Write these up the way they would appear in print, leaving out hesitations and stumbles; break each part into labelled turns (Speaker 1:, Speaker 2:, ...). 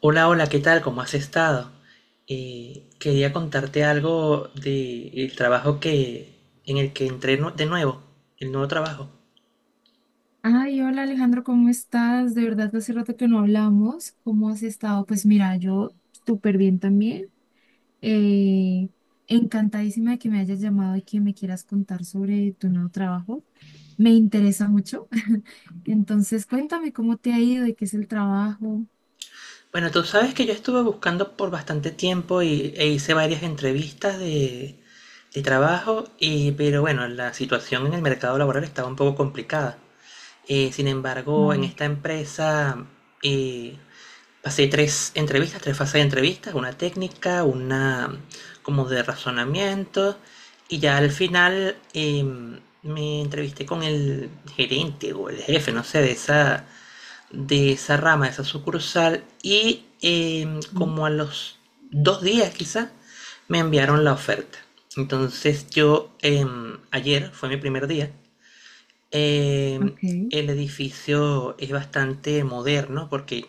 Speaker 1: Hola, hola, ¿qué tal? ¿Cómo has estado? Quería contarte algo del trabajo que, en el que entré de nuevo, el nuevo trabajo.
Speaker 2: Ay, hola Alejandro, ¿cómo estás? De verdad, hace rato que no hablamos. ¿Cómo has estado? Pues mira, yo súper bien también. Eh, Encantadísima de que me hayas llamado y que me quieras contar sobre tu nuevo trabajo. Me interesa mucho. Entonces, cuéntame cómo te ha ido y qué es el trabajo.
Speaker 1: Bueno, tú sabes que yo estuve buscando por bastante tiempo e hice varias entrevistas de trabajo, y, pero bueno, la situación en el mercado laboral estaba un poco complicada. Sin embargo, en
Speaker 2: Claro.
Speaker 1: esta empresa eh, pasé tres entrevistas, tres fases de entrevistas, una técnica, una como de razonamiento, y ya al final me entrevisté con el gerente o el jefe, no sé, de esa rama, de esa sucursal, y
Speaker 2: Mm.
Speaker 1: como a los 2 días quizá, me enviaron la oferta. Entonces yo, ayer fue mi primer día. eh,
Speaker 2: Ok,
Speaker 1: el edificio es bastante moderno porque,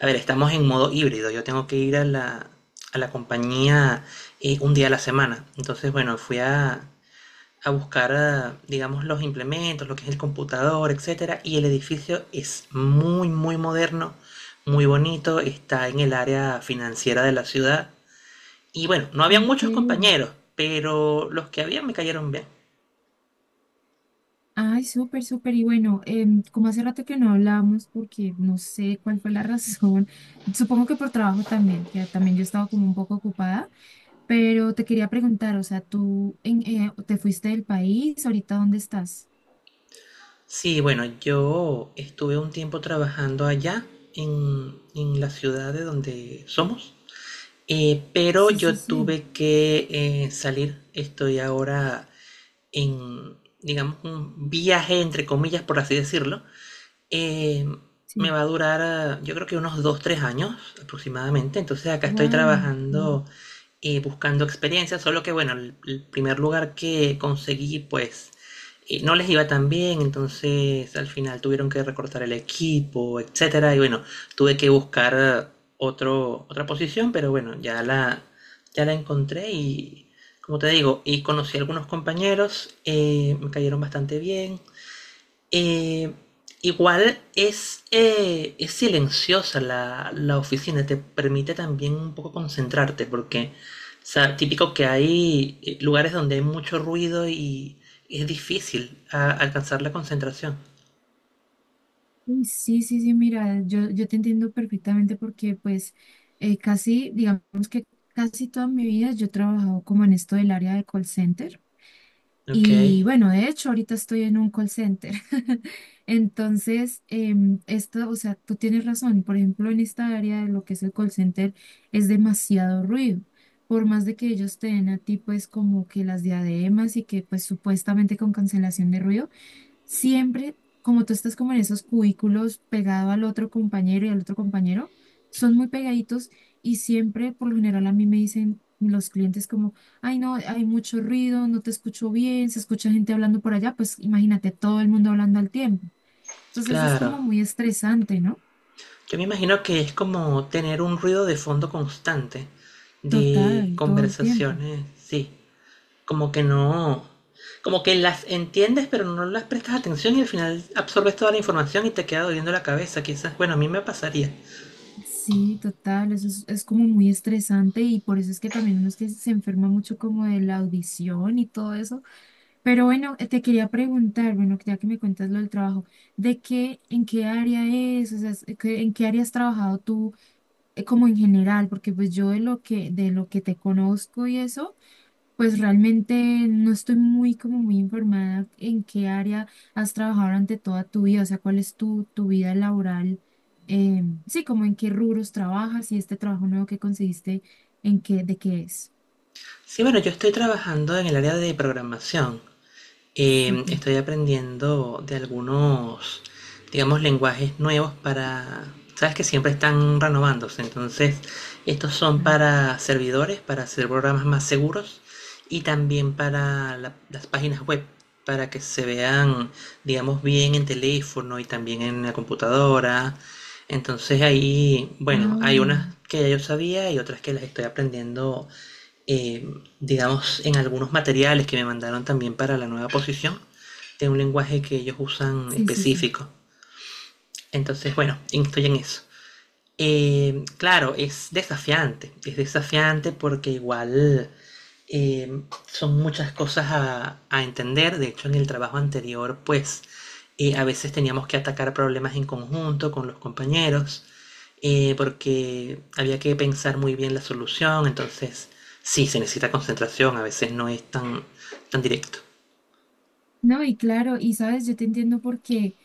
Speaker 1: a ver, estamos en modo híbrido. Yo tengo que ir a a la compañía un día a la semana. Entonces, bueno, fui a buscar, digamos, los implementos, lo que es el computador, etcétera. Y el edificio es muy, muy moderno, muy bonito. Está en el área financiera de la ciudad. Y bueno, no había muchos
Speaker 2: ok.
Speaker 1: compañeros, pero los que había me cayeron bien.
Speaker 2: Ay, súper, súper. Y bueno, como hace rato que no hablamos, porque no sé cuál fue la razón, supongo que por trabajo también, que también yo estaba como un poco ocupada, pero te quería preguntar, o sea, ¿tú te fuiste del país? ¿Ahorita dónde estás?
Speaker 1: Sí, bueno, yo estuve un tiempo trabajando allá en la ciudad de donde somos, pero
Speaker 2: Sí, sí,
Speaker 1: yo
Speaker 2: sí,
Speaker 1: tuve que salir. Estoy ahora en, digamos, un viaje entre comillas, por así decirlo, eh, me
Speaker 2: sí.
Speaker 1: va a durar, yo creo que unos 2 3 años aproximadamente. Entonces acá estoy
Speaker 2: Wow, claro.
Speaker 1: trabajando, buscando experiencia, solo que bueno, el primer lugar que conseguí, pues no les iba tan bien, entonces al final tuvieron que recortar el equipo, etcétera. Y bueno, tuve que buscar otra posición, pero bueno, ya la encontré y como te digo, y conocí a algunos compañeros, me cayeron bastante bien. Eh, Igual es silenciosa la oficina, te permite también un poco concentrarte, porque, o sea, típico que hay lugares donde hay mucho ruido y es difícil alcanzar la concentración.
Speaker 2: Uy, sí, sí, sí, mira, yo te entiendo perfectamente porque pues casi, digamos que casi toda mi vida yo he trabajado como en esto del área de call center.
Speaker 1: Ok,
Speaker 2: Y bueno, de hecho, ahorita estoy en un call center. Entonces, esto, o sea, tú tienes razón. Por ejemplo, en esta área de lo que es el call center, es demasiado ruido. Por más de que ellos te den a ti, pues, como que las diademas y que, pues, supuestamente con cancelación de ruido siempre, como tú estás como en esos cubículos pegado al otro compañero y al otro compañero, son muy pegaditos y siempre, por lo general, a mí me dicen los clientes como, ay, no, hay mucho ruido, no te escucho bien, se escucha gente hablando por allá, pues imagínate todo el mundo hablando al tiempo. Entonces es
Speaker 1: claro.
Speaker 2: como muy estresante, ¿no?
Speaker 1: Yo me imagino que es como tener un ruido de fondo constante de
Speaker 2: Total, todo el tiempo.
Speaker 1: conversaciones, sí. Como que no, como que las entiendes pero no las prestas atención y al final absorbes toda la información y te queda doliendo la cabeza. Quizás, bueno, a mí me pasaría.
Speaker 2: Sí, total, eso es como muy estresante y por eso es que también uno es que se enferma mucho como de la audición y todo eso. Pero bueno, te quería preguntar, bueno, ya que me cuentas lo del trabajo, ¿ en qué área es? O sea, ¿en qué área has trabajado tú como en general? Porque pues yo de lo que te conozco y eso, pues realmente no estoy muy como muy informada en qué área has trabajado durante toda tu vida, o sea, cuál es tu vida laboral, sí, como en qué rubros trabajas y este trabajo nuevo que conseguiste, de qué es.
Speaker 1: Sí, bueno, yo estoy trabajando en el área de programación.
Speaker 2: Súper.
Speaker 1: Estoy aprendiendo de algunos, digamos, lenguajes nuevos para... Sabes que siempre están renovándose, entonces estos son para servidores, para hacer programas más seguros y también para las páginas web, para que se vean, digamos, bien en teléfono y también en la computadora. Entonces ahí, bueno,
Speaker 2: Ah,
Speaker 1: hay unas que ya yo sabía y otras que las estoy aprendiendo eh, digamos, en algunos materiales que me mandaron también para la nueva posición, de un lenguaje que ellos usan
Speaker 2: sí, sí, sí.
Speaker 1: específico. Entonces, bueno, estoy en eso. Claro, es desafiante porque igual eh, son muchas cosas a entender. De hecho, en el trabajo anterior, pues a veces teníamos que atacar problemas en conjunto con los compañeros, porque había que pensar muy bien la solución. Entonces, sí, se necesita concentración, a veces no es tan directo.
Speaker 2: No, y claro, y sabes, yo te entiendo porque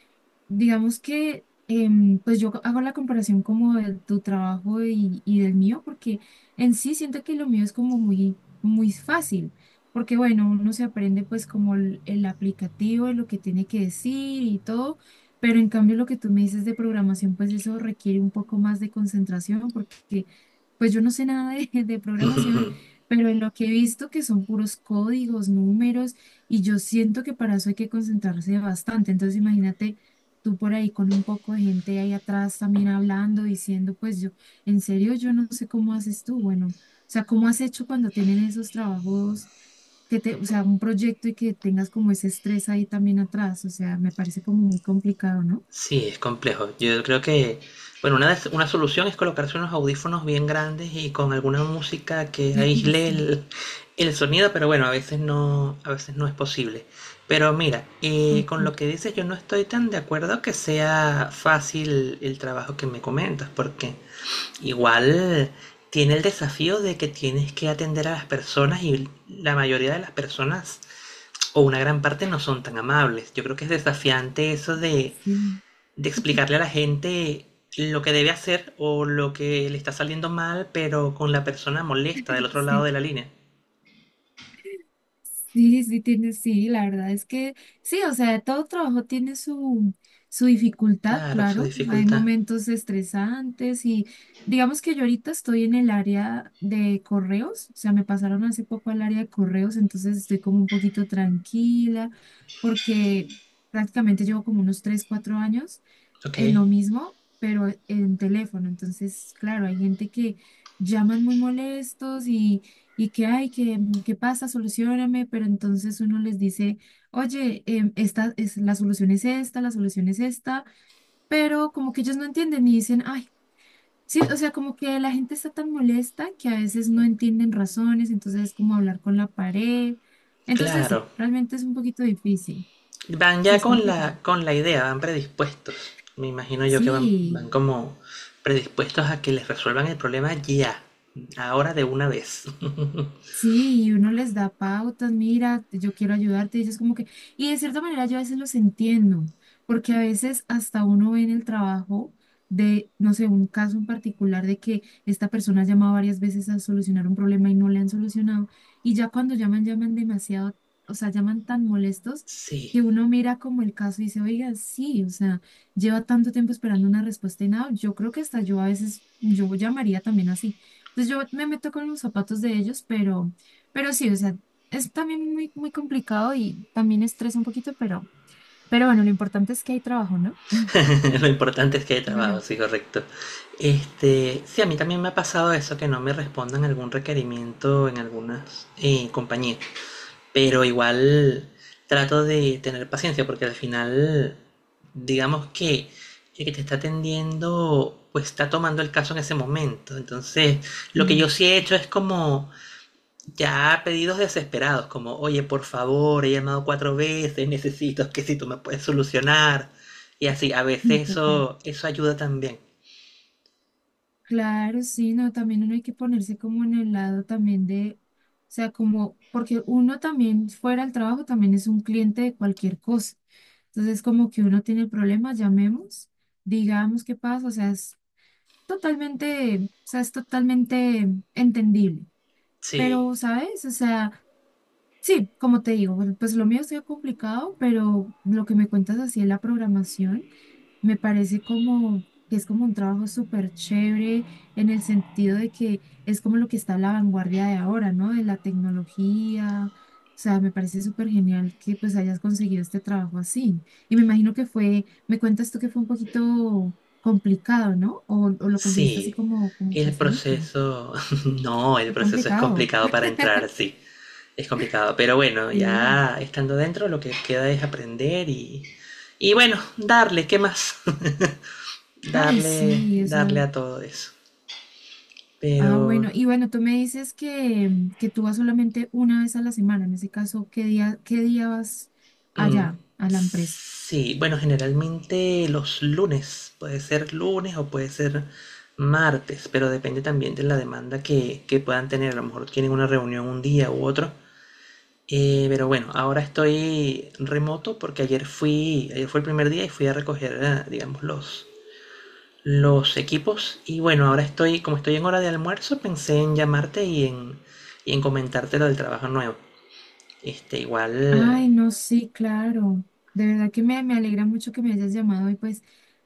Speaker 2: digamos que, pues yo hago la comparación como de tu trabajo y del mío, porque en sí siento que lo mío es como muy, muy fácil, porque bueno, uno se aprende pues como el aplicativo, lo que tiene que decir y todo, pero en cambio lo que tú me dices de programación, pues eso requiere un poco más de concentración, porque pues yo no sé nada de, de programación, pero en lo que he visto que son puros códigos, números, y yo siento que para eso hay que concentrarse bastante, entonces imagínate tú por ahí con un poco de gente ahí atrás también hablando, diciendo, pues yo, en serio, yo no sé cómo haces tú, bueno, o sea, ¿cómo has hecho cuando tienen esos trabajos que te, o sea, un proyecto y que tengas como ese estrés ahí también atrás? O sea, me parece como muy complicado, ¿no?
Speaker 1: Sí, es complejo. Yo creo que, bueno, una, una solución es colocarse unos audífonos bien grandes y con alguna música que aísle
Speaker 2: Sí,
Speaker 1: el sonido, pero bueno, a veces no es posible. Pero mira, con lo
Speaker 2: ok,
Speaker 1: que dices, yo no estoy tan de acuerdo que sea fácil el trabajo que me comentas, porque igual tiene el desafío de que tienes que atender a las personas y la mayoría de las personas o una gran parte no son tan amables. Yo creo que es desafiante eso de
Speaker 2: sí,
Speaker 1: explicarle a la gente lo que debe hacer o lo que le está saliendo mal, pero con la persona molesta del otro lado
Speaker 2: sí.
Speaker 1: de la línea.
Speaker 2: Sí, sí, tiene, sí, la verdad es que sí, o sea, todo trabajo tiene su, su dificultad,
Speaker 1: Claro, su
Speaker 2: claro. Hay
Speaker 1: dificultad.
Speaker 2: momentos estresantes y digamos que yo ahorita estoy en el área de correos, o sea, me pasaron hace poco al área de correos, entonces estoy como un poquito tranquila porque prácticamente llevo como unos 3 o 4 años
Speaker 1: Ok,
Speaker 2: en lo mismo, pero en teléfono. Entonces, claro, hay gente que llaman muy molestos y que, ay, que, ¿qué pasa? Solucióname, pero entonces uno les dice, oye, esta es, la solución es esta, la solución es esta, pero como que ellos no entienden y dicen, ay, sí, o sea, como que la gente está tan molesta que a veces no entienden razones, entonces es como hablar con la pared. Entonces, sí,
Speaker 1: claro.
Speaker 2: realmente es un poquito difícil,
Speaker 1: Van
Speaker 2: sí,
Speaker 1: ya
Speaker 2: es complicado.
Speaker 1: con la idea, van predispuestos. Me imagino yo que van, van
Speaker 2: Sí,
Speaker 1: como predispuestos a que les resuelvan el problema ya, ahora de una vez.
Speaker 2: sí, y uno les da pautas, mira, yo quiero ayudarte, y ellos como que, y de cierta manera yo a veces los entiendo, porque a veces hasta uno ve en el trabajo de, no sé, un caso en particular de que esta persona ha llamado varias veces a solucionar un problema y no le han solucionado, y ya cuando llaman, llaman demasiado, o sea, llaman tan molestos que
Speaker 1: Sí.
Speaker 2: uno mira como el caso y dice, oiga, sí, o sea, lleva tanto tiempo esperando una respuesta y nada, yo creo que hasta yo a veces, yo llamaría también así, entonces yo me meto con los zapatos de ellos, pero sí, o sea, es también muy, muy complicado y también estresa un poquito, pero bueno, lo importante es que hay trabajo, ¿no?
Speaker 1: Lo importante es que hay
Speaker 2: Digo
Speaker 1: trabajo,
Speaker 2: yo.
Speaker 1: sí, correcto. Este, sí, a mí también me ha pasado eso, que no me respondan algún requerimiento en algunas compañías. Pero igual trato de tener paciencia, porque al final, digamos que el que te está atendiendo, pues está tomando el caso en ese momento. Entonces, lo que yo sí
Speaker 2: Sí,
Speaker 1: he hecho es como ya pedidos desesperados, como, oye, por favor, he llamado 4 veces, necesito que si tú me puedes solucionar. Y así, a
Speaker 2: sí,
Speaker 1: veces
Speaker 2: total.
Speaker 1: eso, eso ayuda también.
Speaker 2: Claro, sí, no, también uno hay que ponerse como en el lado también de, o sea, como, porque uno también fuera al trabajo también es un cliente de cualquier cosa. Entonces, como que uno tiene el problema, llamemos, digamos qué pasa, o sea, es totalmente, o sea, es totalmente entendible.
Speaker 1: Sí,
Speaker 2: Pero, ¿sabes? O sea, sí, como te digo, bueno, pues lo mío está complicado, pero lo que me cuentas así en la programación me parece como que es como un trabajo súper chévere en el sentido de que es como lo que está a la vanguardia de ahora, ¿no? De la tecnología. O sea, me parece súper genial que pues hayas conseguido este trabajo así. Y me imagino que fue, me cuentas tú que fue un poquito complicado, ¿no? O lo conseguiste así
Speaker 1: sí.
Speaker 2: como, como
Speaker 1: El
Speaker 2: facilito.
Speaker 1: proceso, no, el
Speaker 2: Fue
Speaker 1: proceso es
Speaker 2: complicado.
Speaker 1: complicado para entrar, sí, es complicado. Pero bueno,
Speaker 2: Sí.
Speaker 1: ya estando dentro, lo que queda es aprender y bueno, darle, ¿qué más?
Speaker 2: Ay,
Speaker 1: Darle,
Speaker 2: sí,
Speaker 1: darle
Speaker 2: esa.
Speaker 1: a todo eso.
Speaker 2: Ah,
Speaker 1: Pero
Speaker 2: bueno. Y bueno, tú me dices que, mm, que tú vas solamente una vez a la semana. En ese caso, qué día vas
Speaker 1: mm,
Speaker 2: allá a la empresa?
Speaker 1: sí, bueno, generalmente los lunes, puede ser lunes o puede ser martes, pero depende también de la demanda que puedan tener. A lo mejor tienen una reunión un día u otro. Pero bueno, ahora estoy remoto porque ayer fui, ayer fue el primer día y fui a recoger, digamos, los equipos. Y bueno, ahora estoy, como estoy en hora de almuerzo, pensé en llamarte y en comentarte lo del trabajo nuevo. Este, igual,
Speaker 2: Ay, no, sí, claro. De verdad que me alegra mucho que me hayas llamado y pues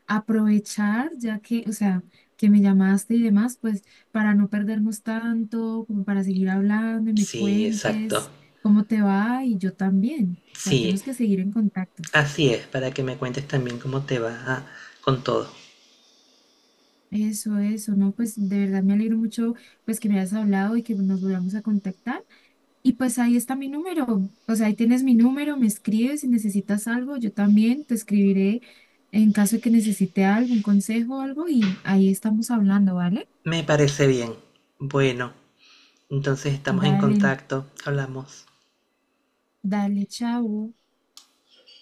Speaker 2: aprovechar, ya que, o sea, que me llamaste y demás, pues para no perdernos tanto, como para seguir hablando y me
Speaker 1: sí, exacto.
Speaker 2: cuentes cómo te va y yo también. O sea,
Speaker 1: Sí,
Speaker 2: tenemos que seguir en contacto.
Speaker 1: así es, para que me cuentes también cómo te va ah, con todo.
Speaker 2: Eso, no, pues de verdad me alegro mucho pues que me hayas hablado y que nos volvamos a contactar. Y pues ahí está mi número, o sea, ahí tienes mi número, me escribes si necesitas algo, yo también te escribiré en caso de que necesite algo, un consejo o algo y ahí estamos hablando, ¿vale?
Speaker 1: Me parece bien. Bueno, entonces estamos en
Speaker 2: Dale,
Speaker 1: contacto. Hablamos.
Speaker 2: dale, chao.